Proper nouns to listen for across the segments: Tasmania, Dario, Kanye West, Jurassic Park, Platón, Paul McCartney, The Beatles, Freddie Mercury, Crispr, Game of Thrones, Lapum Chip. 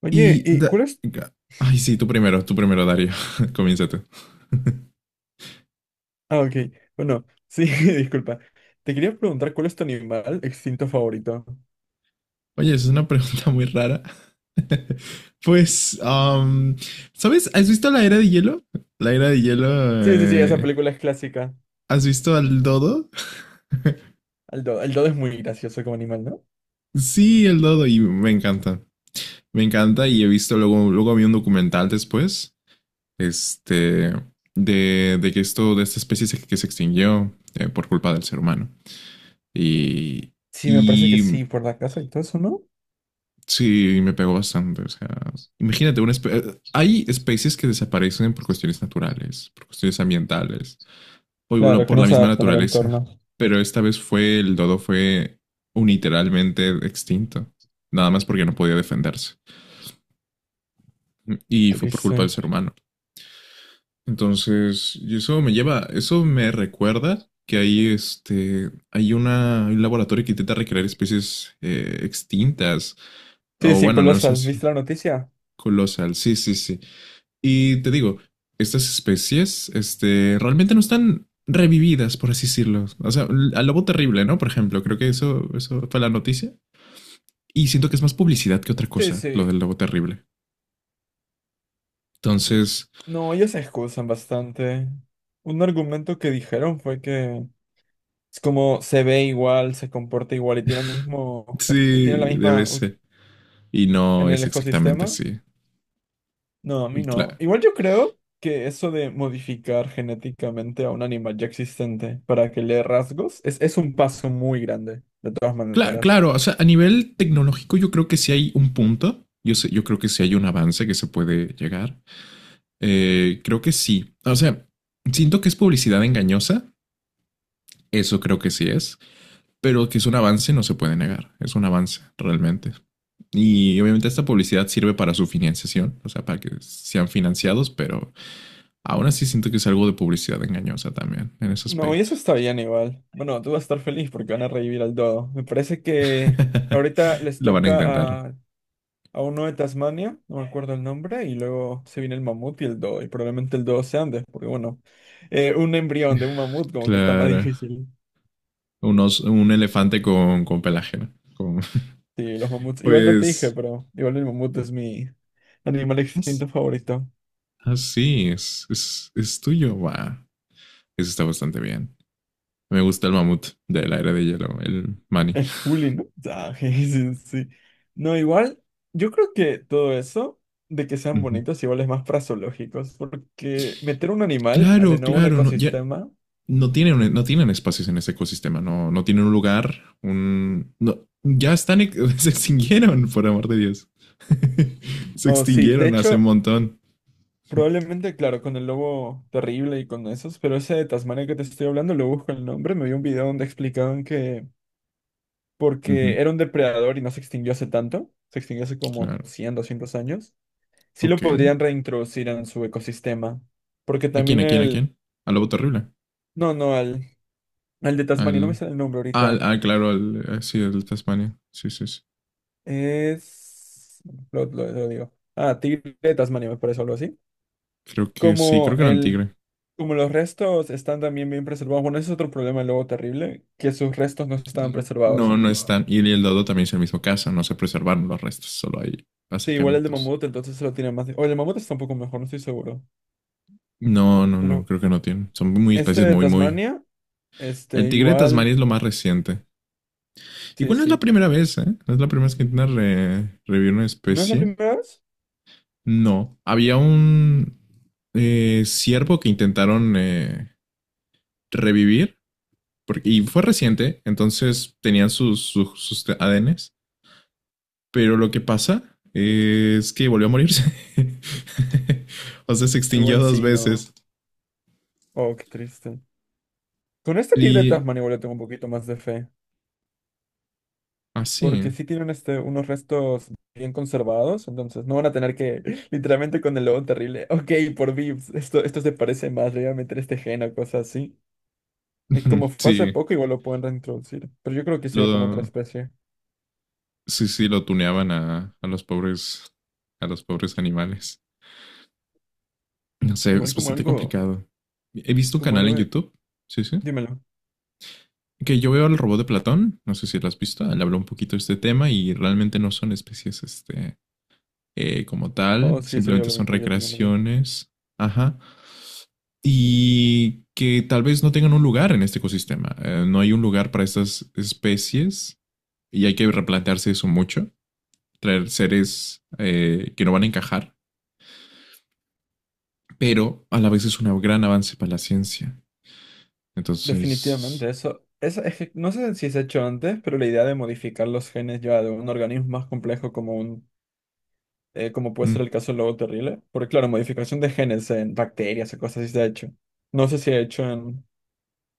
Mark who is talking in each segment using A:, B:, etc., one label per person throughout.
A: Oye,
B: Y...
A: ¿y
B: da-
A: cuál es?
B: Ay, sí, tú primero, Dario. Comienza tú.
A: Ah, ok. Bueno, sí, disculpa. Te quería preguntar cuál es tu animal extinto favorito.
B: Oye, es una pregunta muy rara. Pues, ¿sabes? ¿Has visto la era de hielo? La era de hielo...
A: Sí, sí, sí, esa película es clásica.
B: ¿Has visto al dodo?
A: El dodo es muy gracioso como animal, ¿no?
B: Sí, el dodo y me encanta. Me encanta y he visto luego, luego vi un documental después, este, de que de esta especie que se extinguió por culpa del ser humano. Y,
A: Sí, me parece que
B: y
A: sí, por la casa y todo eso, ¿no?
B: Sí, me pegó bastante. O sea, imagínate, hay especies que desaparecen por cuestiones naturales, por cuestiones ambientales, o igual
A: Claro, que
B: por
A: no
B: la
A: se
B: misma
A: adaptan al
B: naturaleza.
A: entorno.
B: Pero esta vez fue, el dodo fue unilateralmente extinto, nada más porque no podía defenderse. Y fue por culpa
A: Triste.
B: del ser humano. Entonces, y eso me lleva, eso me recuerda que hay hay un laboratorio que intenta recrear especies extintas,
A: Sí,
B: o
A: sí,
B: bueno, al menos
A: colosal.
B: así,
A: ¿Viste la noticia?
B: colosal, sí, sí, sí. Y te digo, estas especies, realmente no están revividas, por así decirlo. O sea, al lobo terrible, ¿no? Por ejemplo, creo que eso fue la noticia. Y siento que es más publicidad que otra
A: Sí,
B: cosa, lo
A: sí.
B: del lobo terrible. Entonces,
A: No, ellos se excusan bastante. Un argumento que dijeron fue que es como se ve igual, se comporta igual y tiene el mismo, es- y tiene
B: sí,
A: la misma
B: debe
A: u-
B: ser. Y no
A: en el
B: es exactamente
A: ecosistema.
B: así.
A: No, a mí
B: Y
A: no.
B: claro,
A: Igual yo creo que eso de modificar genéticamente a un animal ya existente para que le dé rasgos es un paso muy grande, de todas
B: claro,
A: maneras.
B: claro, o sea, a nivel tecnológico yo creo que sí hay un punto. Yo creo que sí hay un avance que se puede llegar. Creo que sí. O sea, siento que es publicidad engañosa. Eso creo que sí es. Pero que es un avance, no se puede negar. Es un avance, realmente. Y obviamente esta publicidad sirve para su financiación, o sea, para que sean financiados, pero aún así siento que es algo de publicidad engañosa también, en ese
A: No, y
B: aspecto.
A: eso está bien igual. Bueno, tú vas a estar feliz porque van a revivir al dodo. Me parece que ahorita les
B: Lo van a intentar.
A: toca a uno de Tasmania, no me acuerdo el nombre, y luego se viene el mamut y el dodo, y probablemente el dodo sea antes, porque bueno, un embrión de un mamut como que está más
B: Claro.
A: difícil.
B: Unos, un elefante con pelaje, ¿no? Con,
A: Sí, los mamuts. Igual no te dije,
B: pues...
A: pero igual el mamut es mi animal extinto favorito.
B: Así es, es tuyo, va. Eso está bastante bien. Me gusta el mamut de la era de hielo, el Manny.
A: El Juli, ¿no? Ah, je, sí, sí. No, igual, yo creo que todo eso de que sean
B: Uh-huh.
A: bonitos igual es más fraseológicos, porque meter un animal a de
B: Claro,
A: nuevo un
B: claro, no, ya,
A: ecosistema,
B: no tienen, no tienen espacios en ese ecosistema, no, no tienen un lugar, un... No, ya están, se extinguieron, por amor de Dios. Se
A: o sí, de
B: extinguieron hace un
A: hecho,
B: montón.
A: probablemente, claro, con el lobo terrible y con esos, pero ese de Tasmania que te estoy hablando, lo busco el nombre, me vi un video donde explicaban que
B: Uh -huh,
A: porque era un depredador y no se extinguió hace tanto, se extinguió hace como
B: claro,
A: 100, 200 años. Sí lo
B: ok.
A: podrían reintroducir en su ecosistema. Porque
B: ¿A quién,
A: también
B: a quién, a
A: el...
B: quién? Al lobo terrible.
A: No, no, al, al de Tasmania, no me
B: Al...
A: sale el nombre ahorita.
B: Claro, sí, al Tasmania. Sí, sí, sí.
A: Es... Lo digo. Ah, tigre de Tasmania, me parece algo así.
B: Creo que sí,
A: Como
B: creo que era un
A: el...
B: tigre.
A: Como los restos están también bien preservados. Bueno, ese es otro problema luego terrible, que sus restos no estaban preservados.
B: No, no están. Y el dodo también es el mismo caso. No se preservaron los restos, solo hay
A: Sí, igual el de
B: acercamientos.
A: mamut, entonces se lo tiene más... de- O el de mamut está un poco mejor, no estoy seguro.
B: No, no, no,
A: Pero
B: creo que no tienen. Son muy
A: este
B: especies
A: de
B: muy, muy...
A: Tasmania,
B: El
A: este
B: Tigre de Tasmania
A: igual...
B: es lo más reciente.
A: Sí,
B: Igual no es la
A: sí.
B: primera vez, ¿eh? No es la primera vez que intentan revivir una
A: ¿No es la
B: especie.
A: primera vez?
B: No. Había un ciervo que intentaron revivir. Porque, y fue reciente, entonces tenían sus ADNs. Pero lo que pasa es que volvió a morirse. O sea, se extinguió
A: Igual
B: dos
A: sí,
B: veces.
A: no. Oh, qué triste. Con este tigre de
B: Y
A: Tasmania igual le tengo un poquito más de fe.
B: así.
A: Porque
B: Ah,
A: sí tienen este, unos restos bien conservados, entonces no van a tener que, literalmente con el lobo terrible, ok, por Vips, esto se parece más, le voy a meter este gen o cosas así. Y como fue hace
B: sí,
A: poco, igual lo pueden reintroducir. Pero yo creo que sería como otra
B: lo,
A: especie.
B: sí, sí, lo tuneaban a los pobres animales. No sé,
A: Igual
B: es bastante complicado. He visto un
A: como
B: canal en
A: algo de...
B: YouTube, sí, sí,
A: Dímelo.
B: que yo veo al robot de Platón, no sé si lo has visto, le habló un poquito de este tema y realmente no son especies, como
A: Oh,
B: tal,
A: sí, sí vio
B: simplemente
A: lo
B: son
A: mismo, yo también lo vi.
B: recreaciones, ajá, y que tal vez no tengan un lugar en este ecosistema. No hay un lugar para estas especies y hay que replantearse eso mucho, traer seres que no van a encajar, pero a la vez es un gran avance para la ciencia. Entonces,
A: Definitivamente, eso es que no sé si se ha hecho antes, pero la idea de modificar los genes ya de un organismo más complejo como un como puede ser el
B: mm,
A: caso del lobo terrible. Porque, claro, modificación de genes en bacterias o cosas así se ha hecho. No sé si ha hecho en,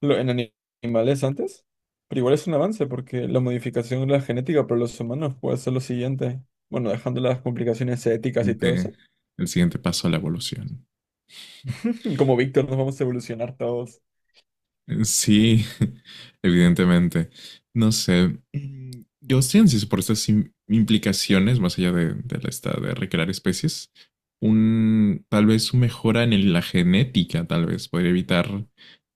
A: lo- en ani- animales antes, pero igual es un avance porque la modificación de la genética para los humanos puede ser lo siguiente. Bueno, dejando las complicaciones éticas y todo
B: siguiente-
A: eso.
B: el siguiente paso a la evolución.
A: Como Víctor, nos vamos a evolucionar todos.
B: Sí, evidentemente. No sé. Yo ciencias por estas implicaciones, más allá de la de recrear especies, tal vez una mejora en la genética, tal vez, podría evitar,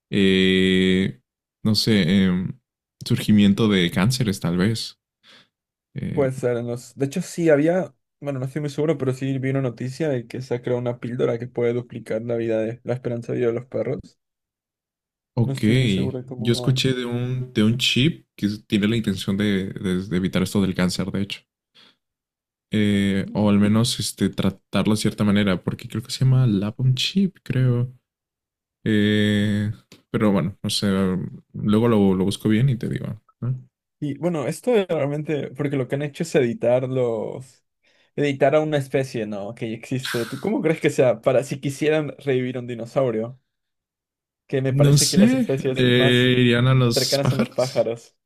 B: eh, no sé, surgimiento de cánceres, tal vez. Eh,
A: Puede ser en los... De hecho, sí había... Bueno, no estoy muy seguro, pero sí vi una noticia de que se ha creado una píldora que puede duplicar la vida de la esperanza de vida de los perros. No
B: Ok,
A: estoy muy seguro de
B: yo
A: cómo
B: escuché de un chip que tiene la intención de evitar esto del cáncer, de hecho. O al
A: va.
B: menos este, tratarlo de cierta manera, porque creo que se llama Lapum Chip, creo. Eh, pero bueno, no sé, luego lo busco bien y te digo. ¿No?
A: Y bueno, esto es realmente, porque lo que han hecho es editar los, editar a una especie, ¿no? Que ya existe. ¿Tú cómo crees que sea para si quisieran revivir un dinosaurio? Que me
B: No
A: parece que las
B: sé,
A: especies más
B: ¿irían a los
A: cercanas son los
B: pájaros?
A: pájaros.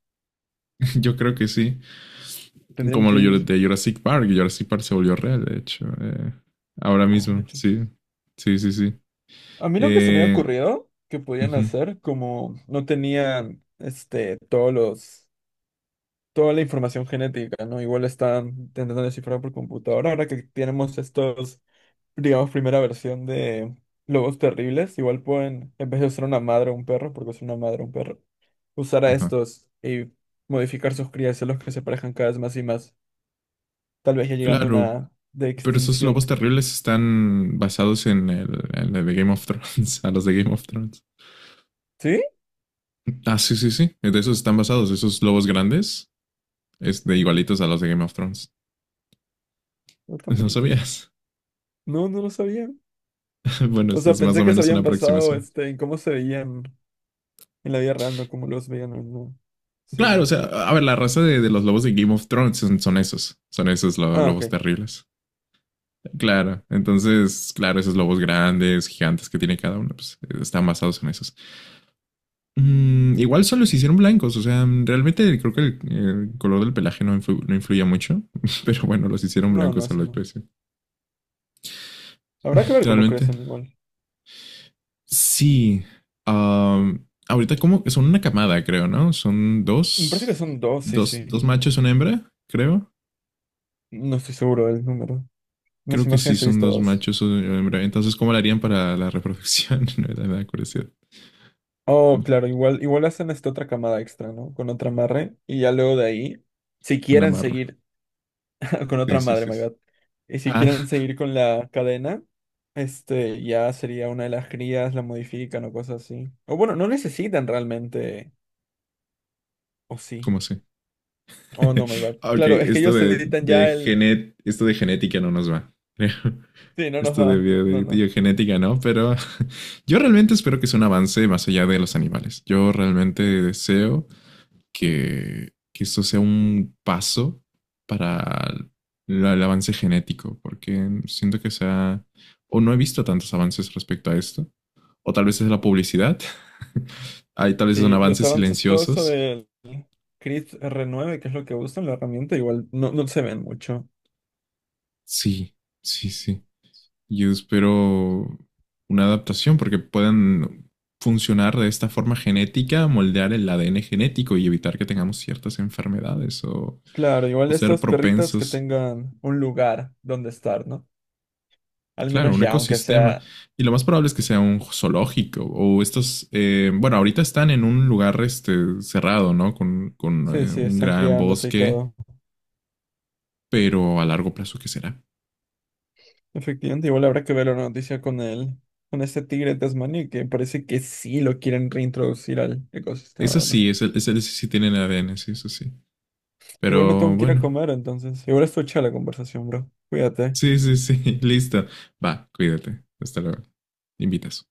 B: Yo creo que sí.
A: Tendrían
B: Como
A: que
B: lo
A: ir.
B: de Jurassic Park, Jurassic Park se volvió real, de hecho. Ahora
A: Oh, de
B: mismo,
A: hecho.
B: sí. Sí, sí, sí.
A: A mí lo que se me ha
B: Eh,
A: ocurrido que podían
B: ujú,
A: hacer, como no tenían, este, todos los, toda la información genética, ¿no? Igual están intentando descifrar por computadora. Ahora que tenemos estos digamos, primera versión de Lobos Terribles. Igual pueden, en vez de usar una madre o un perro, porque es una madre o un perro, usar a
B: ajá.
A: estos y modificar sus crías, los que se parejan cada vez más y más. Tal vez ya llegando a
B: Claro,
A: una de
B: pero esos lobos
A: extinción.
B: terribles están basados en en el de Game of Thrones, a los de Game of Thrones.
A: ¿Sí?
B: Ah, sí, sí, sí. De esos están basados, esos lobos grandes, es de
A: Mm,
B: igualitos a los de Game of Thrones.
A: no tan
B: No
A: bonitos.
B: sabías.
A: No, no lo sabía.
B: Bueno,
A: O sea,
B: es más
A: pensé
B: o
A: que se
B: menos una
A: habían basado
B: aproximación.
A: este, en cómo se veían en la vida real, no cómo los veían en una
B: Claro, o
A: serie.
B: sea, a ver, la raza de los lobos de Game of Thrones son, son esos, son esos
A: Ah, ok.
B: lobos terribles. Claro, entonces, claro, esos lobos grandes, gigantes que tiene cada uno, pues están basados en esos. Mm, igual solo se hicieron blancos, o sea, realmente creo que el color del pelaje no influía mucho, pero bueno, los hicieron
A: No, no,
B: blancos a
A: eso
B: la
A: no.
B: especie.
A: Habrá que ver cómo
B: Realmente.
A: crecen igual.
B: Sí. Ah, ahorita como son una camada, creo, ¿no? Son
A: Me parece que
B: dos,
A: son dos, sí, sí.
B: dos machos, una hembra, creo.
A: No estoy seguro del número. Las
B: Creo que sí,
A: imágenes he
B: son
A: visto
B: dos
A: dos.
B: machos, una hembra. Entonces, ¿cómo lo harían para la reproducción? Me da curiosidad.
A: Oh, claro, igual, igual hacen esta otra camada extra, ¿no? Con otra madre. Y ya luego de ahí, si
B: Una
A: quieren
B: marra.
A: seguir con otra
B: Sí, sí,
A: madre,
B: sí.
A: my
B: Sí.
A: God. Y si
B: Ah,
A: quieren seguir con la cadena, este ya sería una de las crías, la modifican o cosas así. O bueno, no necesitan realmente. O sí.
B: ¿cómo sé?
A: Oh, no, my bad.
B: Ah, ok,
A: Claro, es que
B: esto
A: ellos
B: de,
A: editan
B: de
A: ya el.
B: genet, esto de genética no nos va. Creo.
A: Sí, no nos
B: Esto
A: va. No,
B: de
A: no.
B: biogenética no, pero yo realmente espero que sea un avance más allá de los animales. Yo realmente deseo que esto sea un paso para el avance genético, porque siento que sea, o no he visto tantos avances respecto a esto, o tal vez es la publicidad. Hay tal vez son
A: Sí, los
B: avances
A: avances, todo eso
B: silenciosos.
A: del Crypt r 9 que es lo que usan, la herramienta, igual no, no se ven mucho.
B: Sí, sí, sí. Yo espero una adaptación porque puedan funcionar de esta forma genética, moldear el ADN genético y evitar que tengamos ciertas enfermedades
A: Claro, igual
B: o ser
A: estos perritos que
B: propensos.
A: tengan un lugar donde estar, ¿no? Al
B: Claro,
A: menos
B: un
A: ya, aunque
B: ecosistema.
A: sea...
B: Y lo más probable es que sea un zoológico o estos, bueno, ahorita están en un lugar este, cerrado, ¿no? Con, con
A: Sí,
B: eh,
A: sí,
B: un
A: están
B: gran
A: criándose y
B: bosque,
A: todo.
B: pero a largo plazo, ¿qué será?
A: Efectivamente, igual habrá que ver la noticia con él, con este tigre tasmaní, que parece que sí lo quieren reintroducir al ecosistema,
B: Eso
A: ¿o no?
B: sí, ese sí tienen ADN, sí, eso sí.
A: Igual me tengo
B: Pero
A: que ir a
B: bueno,
A: comer, entonces. Igual esto echa la conversación, bro. Cuídate.
B: sí, sí, sí. Listo. Va, cuídate. Hasta luego. Invitas.